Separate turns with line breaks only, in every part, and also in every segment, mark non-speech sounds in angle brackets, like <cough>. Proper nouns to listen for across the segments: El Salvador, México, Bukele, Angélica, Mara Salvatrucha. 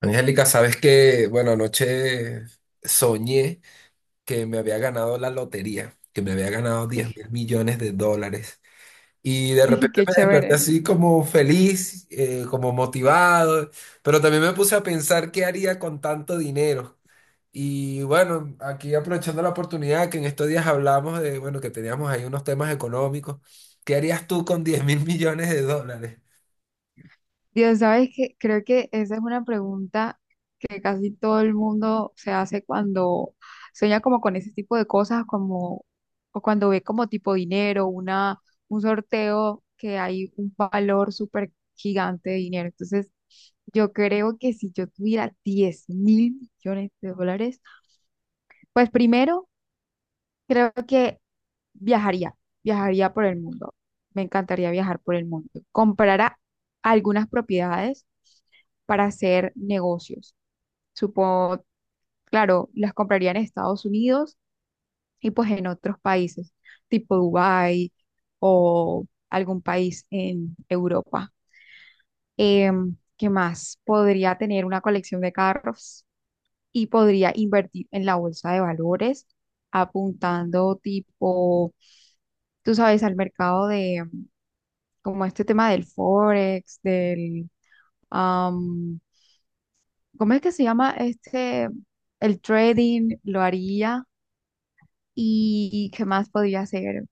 Angélica, sabes que, bueno, anoche soñé que me había ganado la lotería, que me había ganado $10 mil millones. Y de
<laughs> Dije,
repente
qué
me desperté
chévere.
así como feliz, como motivado, pero también me puse a pensar qué haría con tanto dinero. Y bueno, aquí aprovechando la oportunidad que en estos días hablamos de, bueno, que teníamos ahí unos temas económicos, ¿qué harías tú con $10 mil millones?
Dios, sabes que creo que esa es una pregunta que casi todo el mundo se hace cuando sueña como con ese tipo de cosas, como o cuando ve como tipo dinero, un sorteo que hay un valor súper gigante de dinero. Entonces, yo creo que si yo tuviera $10.000.000.000, pues primero creo que viajaría, viajaría por el mundo. Me encantaría viajar por el mundo. Comprará algunas propiedades para hacer negocios. Supongo, claro, las compraría en Estados Unidos y pues en otros países, tipo Dubái o algún país en Europa. ¿Qué más? Podría tener una colección de carros y podría invertir en la bolsa de valores apuntando tipo tú sabes, al mercado de como este tema del forex, am, ¿cómo es que se llama este? El trading, lo haría y qué más podría hacer.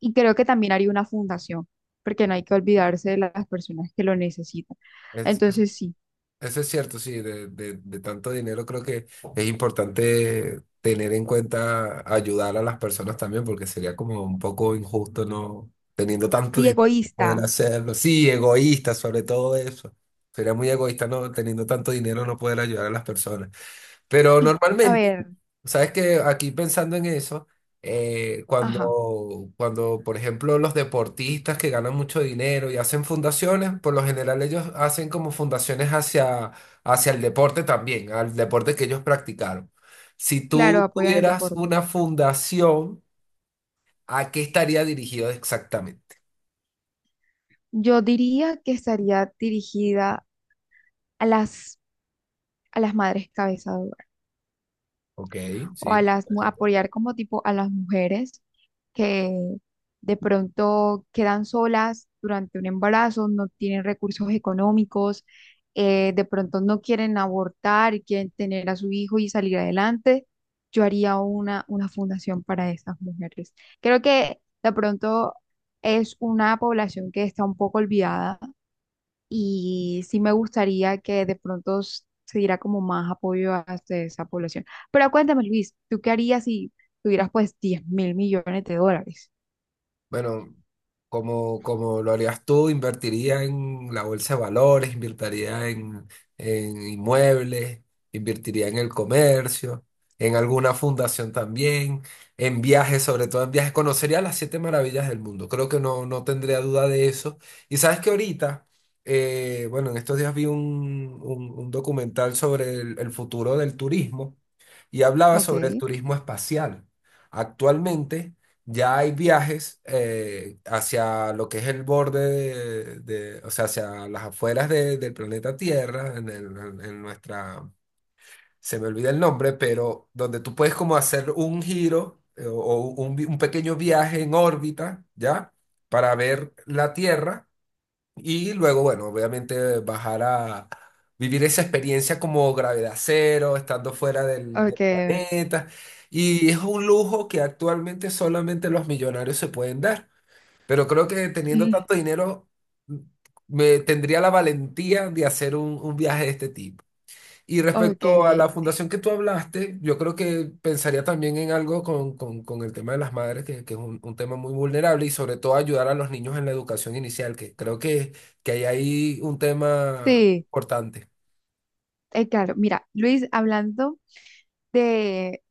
Y creo que también haría una fundación, porque no hay que olvidarse de las personas que lo necesitan. Entonces, sí,
Eso es cierto, sí, de tanto dinero creo que es importante tener en cuenta ayudar a las personas también, porque sería como un poco injusto no teniendo tanto
y
dinero poder
egoísta.
hacerlo. Sí, egoísta sobre todo eso. Sería muy egoísta no teniendo tanto dinero no poder ayudar a las personas. Pero
Y a
normalmente.
ver,
Sabes que aquí pensando en eso,
ajá,
cuando, por ejemplo, los deportistas que ganan mucho dinero y hacen fundaciones, por lo general ellos hacen como fundaciones hacia, hacia el deporte también, al deporte que ellos practicaron. Si
claro,
tú
apoyan el
tuvieras
deporte.
una fundación, ¿a qué estaría dirigido exactamente?
Yo diría que estaría dirigida a las, a las madres cabezadoras
Ok,
o
sí.
apoyar como tipo a las mujeres que de pronto quedan solas durante un embarazo, no tienen recursos económicos, de pronto no quieren abortar y quieren tener a su hijo y salir adelante. Yo haría una fundación para esas mujeres. Creo que de pronto es una población que está un poco olvidada y sí me gustaría que de pronto se diera como más apoyo a esa población. Pero cuéntame, Luis, ¿tú qué harías si tuvieras pues $10.000.000.000?
Bueno, como lo harías tú, invertiría en la bolsa de valores, invertiría en inmuebles, invertiría en el comercio, en alguna fundación también, en viajes, sobre todo en viajes. Conocería las siete maravillas del mundo. Creo que no tendría duda de eso. Y sabes que ahorita, bueno, en estos días vi un documental sobre el futuro del turismo y hablaba
Ok.
sobre el turismo espacial. Actualmente. Ya hay viajes hacia lo que es el borde o sea, hacia las afueras del planeta Tierra, en nuestra, se me olvida el nombre, pero donde tú puedes como hacer un giro o, un pequeño viaje en órbita, ¿ya? Para ver la Tierra y luego, bueno, obviamente bajar a vivir esa experiencia como gravedad cero, estando fuera del
Ok.
planeta. Y es un lujo que actualmente solamente los millonarios se pueden dar. Pero creo que teniendo
Mm.
tanto dinero, mm, me tendría la valentía de hacer un viaje de este tipo. Y
Ok.
respecto a la fundación que tú hablaste, yo creo que pensaría también en algo con el tema de las madres, que es un tema muy vulnerable, y sobre todo ayudar a los niños en la educación inicial, que creo que hay ahí un tema
Sí.
importante.
Claro, mira, Luis, hablando de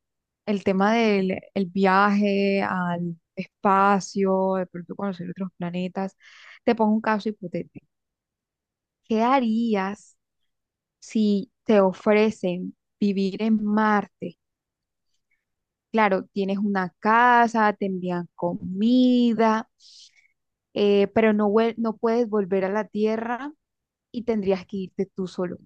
el tema del el viaje al espacio, de pronto conocer otros planetas, te pongo un caso hipotético. ¿Qué harías si te ofrecen vivir en Marte, claro, tienes una casa, te envían comida, pero no, no puedes volver a la Tierra y tendrías que irte tú solo.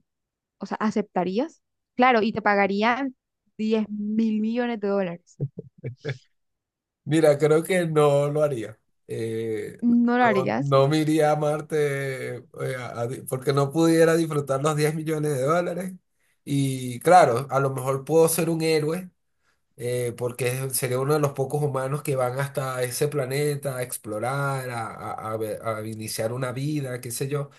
O sea, ¿aceptarías? Claro, y te pagarían $10.000.000.000.
Mira, creo que no lo haría. Eh,
¿No lo
no,
harías?
no me iría a Marte porque no pudiera disfrutar los $10 millones. Y claro, a lo mejor puedo ser un héroe porque sería uno de los pocos humanos que van hasta ese planeta a explorar, a iniciar una vida, qué sé yo,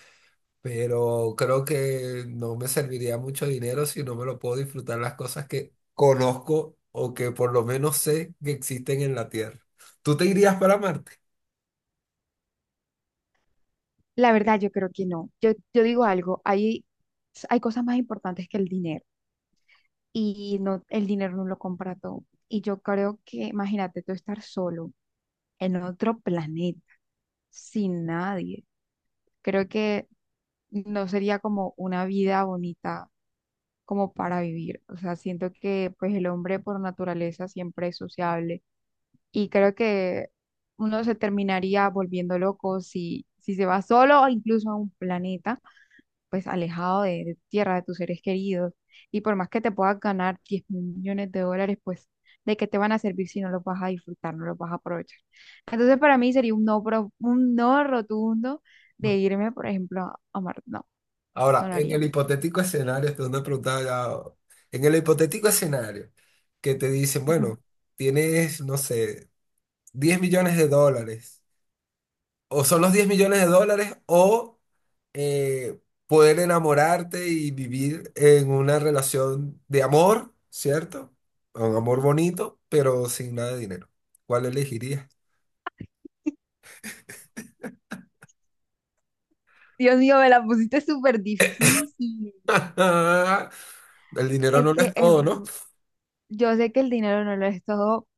pero creo que no me serviría mucho dinero si no me lo puedo disfrutar las cosas que conozco o que por lo menos sé que existen en la Tierra. ¿Tú te irías para Marte?
La verdad, yo creo que no. Yo digo algo, hay cosas más importantes que el dinero y no, el dinero no lo compra todo. Y yo creo que, imagínate, tú estar solo en otro planeta, sin nadie. Creo que no sería como una vida bonita como para vivir. O sea, siento que pues el hombre por naturaleza siempre es sociable y creo que uno se terminaría volviendo loco si se va solo o incluso a un planeta pues alejado de tu tierra, de tus seres queridos. Y por más que te puedas ganar $10.000.000, pues ¿de qué te van a servir si no los vas a disfrutar, no los vas a aprovechar? Entonces para mí sería un no, un no rotundo
Mm.
de irme, por ejemplo, a Marte. No,
Ahora,
no lo
en el
haría.
hipotético escenario, esto es una pregunta ya- en el hipotético escenario que te dicen,
Ujú.
bueno, tienes, no sé, $10 millones. O son los $10 millones o eh, poder enamorarte y vivir en una relación de amor, ¿cierto? Un amor bonito, pero sin nada de dinero. ¿Cuál elegirías?
Dios mío, me la pusiste súper difícil.
<laughs> El dinero
Es
no lo
que
es
es,
todo, ¿no?
yo sé que el dinero no lo es todo,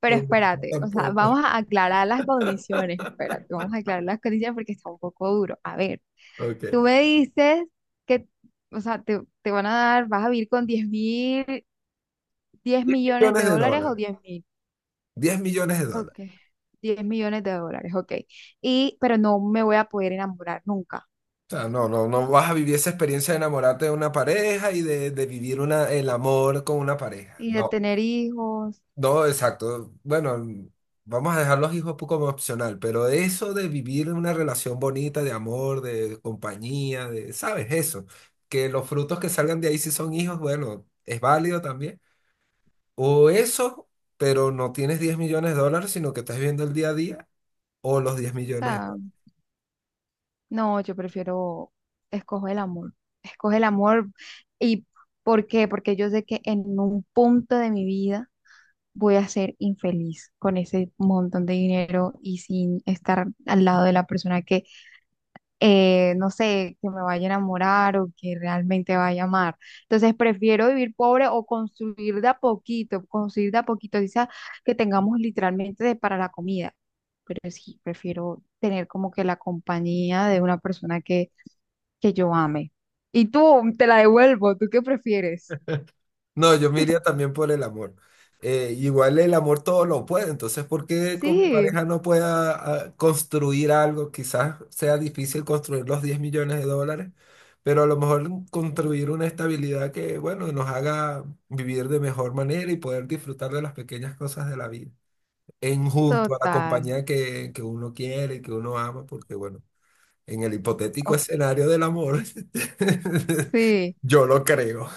pero
No,
espérate, o sea,
tampoco.
vamos a aclarar las condiciones, espérate, vamos a aclarar las condiciones porque está un poco duro. A ver,
Ok.
tú me dices que, o sea, te van a dar, vas a vivir con 10.000, diez millones
Millones
de
de
dólares o
dólares.
10.000.
$10 millones.
Ok. $10.000.000, ok. Y, pero no me voy a poder enamorar nunca.
O sea, no, no, no vas a vivir esa experiencia de enamorarte de una pareja y de vivir el amor con una pareja.
Y de
No.
tener hijos, o
No, exacto. Bueno, vamos a dejar los hijos poco como opcional, pero eso de vivir una relación bonita, de amor, de compañía, de, ¿sabes? Eso. Que los frutos que salgan de ahí si son hijos, bueno, es válido también. O eso, pero no tienes $10 millones, sino que estás viviendo el día a día, o los 10 millones de
sea,
dólares.
no, yo prefiero, escojo el amor. Escojo el amor. ¿Y por qué? Porque yo sé que en un punto de mi vida voy a ser infeliz con ese montón de dinero y sin estar al lado de la persona que no sé, que me vaya a enamorar o que realmente vaya a amar. Entonces prefiero vivir pobre o construir de a poquito, construir de a poquito, quizás que tengamos literalmente para la comida. Pero sí, prefiero tener como que la compañía de una persona que yo ame. Y tú, te la devuelvo, ¿tú qué prefieres?
No, yo me iría también por el amor. Igual el amor todo lo puede, entonces ¿por qué con mi
Sí,
pareja no pueda construir algo? Quizás sea difícil construir los $10 millones, pero a lo mejor construir una estabilidad que, bueno, nos haga vivir de mejor manera y poder disfrutar de las pequeñas cosas de la vida, en junto a la
total.
compañía que uno quiere y que uno ama, porque, bueno, en el hipotético
Ok.
escenario del amor, <laughs>
Sí,
yo lo creo.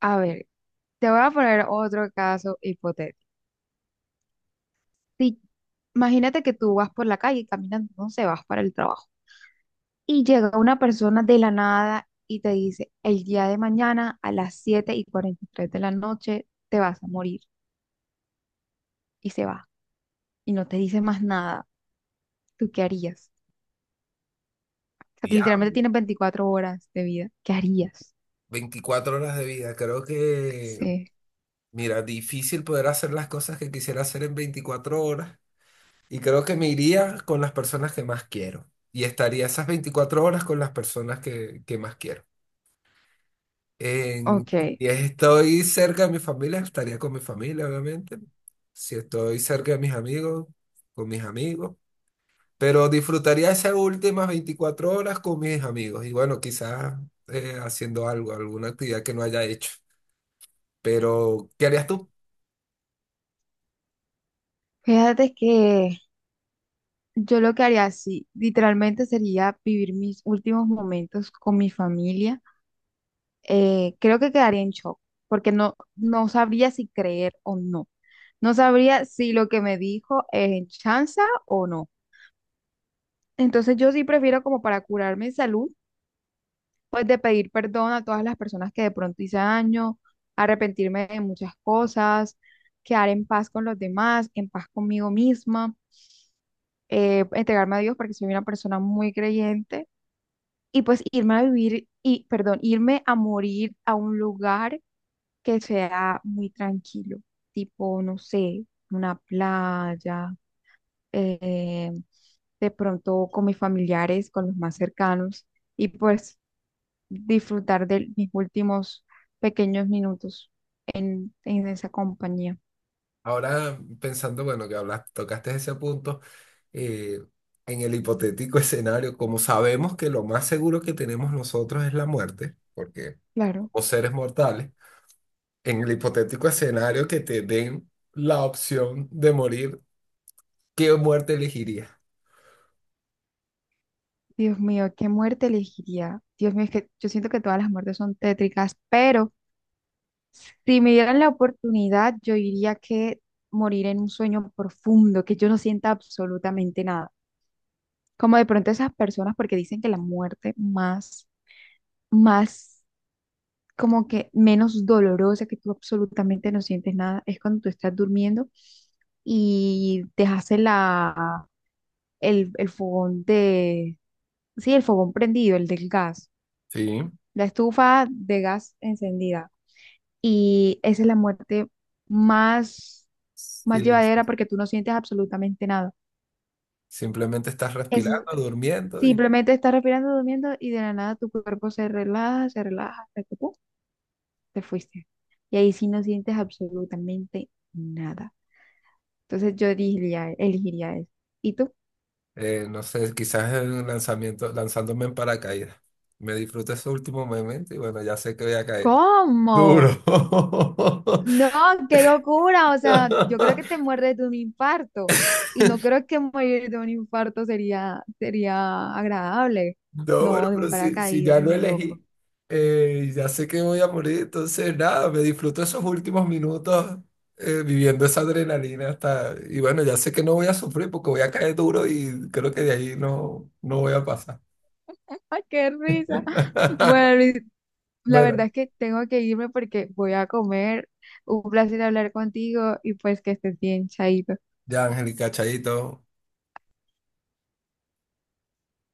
a ver, te voy a poner otro caso hipotético. Si- Imagínate que tú vas por la calle caminando, no sé, vas para el trabajo y llega una persona de la nada y te dice, el día de mañana a las 7:43 de la noche te vas a morir y se va y no te dice más nada. ¿Tú qué harías? O sea, que literalmente tienes 24 horas de vida. ¿Qué harías?
24 horas de vida. Creo que,
Sí,
mira, difícil poder hacer las cosas que quisiera hacer en 24 horas. Y creo que me iría con las personas que más quiero. Y estaría esas 24 horas con las personas que más quiero. En,
ok.
si estoy cerca de mi familia, estaría con mi familia, obviamente. Si estoy cerca de mis amigos, con mis amigos. Pero disfrutaría esas últimas 24 horas con mis amigos. Y bueno, quizás haciendo algo, alguna actividad que no haya hecho. Pero, ¿qué harías tú?
Fíjate que yo lo que haría, sí, literalmente sería vivir mis últimos momentos con mi familia. Creo que quedaría en shock, porque no, no sabría si creer o no. No sabría si lo que me dijo es chanza o no. Entonces yo sí prefiero como para curar mi salud, pues de pedir perdón a todas las personas que de pronto hice daño, arrepentirme de muchas cosas, quedar en paz con los demás, en paz conmigo misma, entregarme a Dios porque soy una persona muy creyente y pues irme a vivir y, perdón, irme a morir a un lugar que sea muy tranquilo, tipo, no sé, una playa, eh, de pronto con mis familiares, con los más cercanos, y pues disfrutar de mis últimos pequeños minutos en esa compañía.
Ahora pensando, bueno, que hablas, tocaste ese punto, eh, en el hipotético <laughs> escenario, como sabemos que lo más seguro que tenemos nosotros es la muerte, porque
Claro,
somos seres mortales, en el hipotético escenario que te den la opción de morir, ¿qué muerte elegirías?
Dios mío, ¿qué muerte elegiría? Dios mío, es que yo siento que todas las muertes son tétricas, pero si me dieran la oportunidad, yo diría que morir en un sueño profundo, que yo no sienta absolutamente nada como de pronto esas personas, porque dicen que la muerte más, más, como que menos dolorosa, que tú absolutamente no sientes nada, es cuando tú estás durmiendo y dejaste el fogón de, sí, el fogón prendido, el del gas,
Sí.
la estufa de gas encendida. Y esa es la muerte más, más
Silencio.
llevadera porque tú no sientes absolutamente nada.
Simplemente estás
Eso
respirando, durmiendo y,
simplemente estás respirando, durmiendo y de la nada tu cuerpo se relaja, hasta que ¡pum! Te fuiste. Y ahí sí no sientes absolutamente nada. Entonces yo elegiría, elegiría eso. ¿Y tú?
no sé, quizás en un lanzamiento, lanzándome en paracaídas. Me disfruto ese último momento y bueno, ya sé que voy a caer.
¿Cómo?
Duro.
No, qué locura. O sea, yo creo
<laughs>
que te muerdes de un infarto. Y no creo que morir de un infarto sería, sería agradable.
No,
No,
bueno,
de
pero
un
si, si ya
paracaídas,
lo
ni loco.
elegí, ya sé que voy a morir, entonces nada, me disfruto esos últimos minutos viviendo esa adrenalina hasta. Y bueno, ya sé que no voy a sufrir porque voy a caer duro y creo que de ahí no, no voy a pasar.
<laughs> ¡Ay, qué risa! Bueno,
<laughs>
Luis, la
Bueno,
verdad es que tengo que irme porque voy a comer. Un placer hablar contigo y pues que estés bien, chaito.
ya, Angélica, chaito.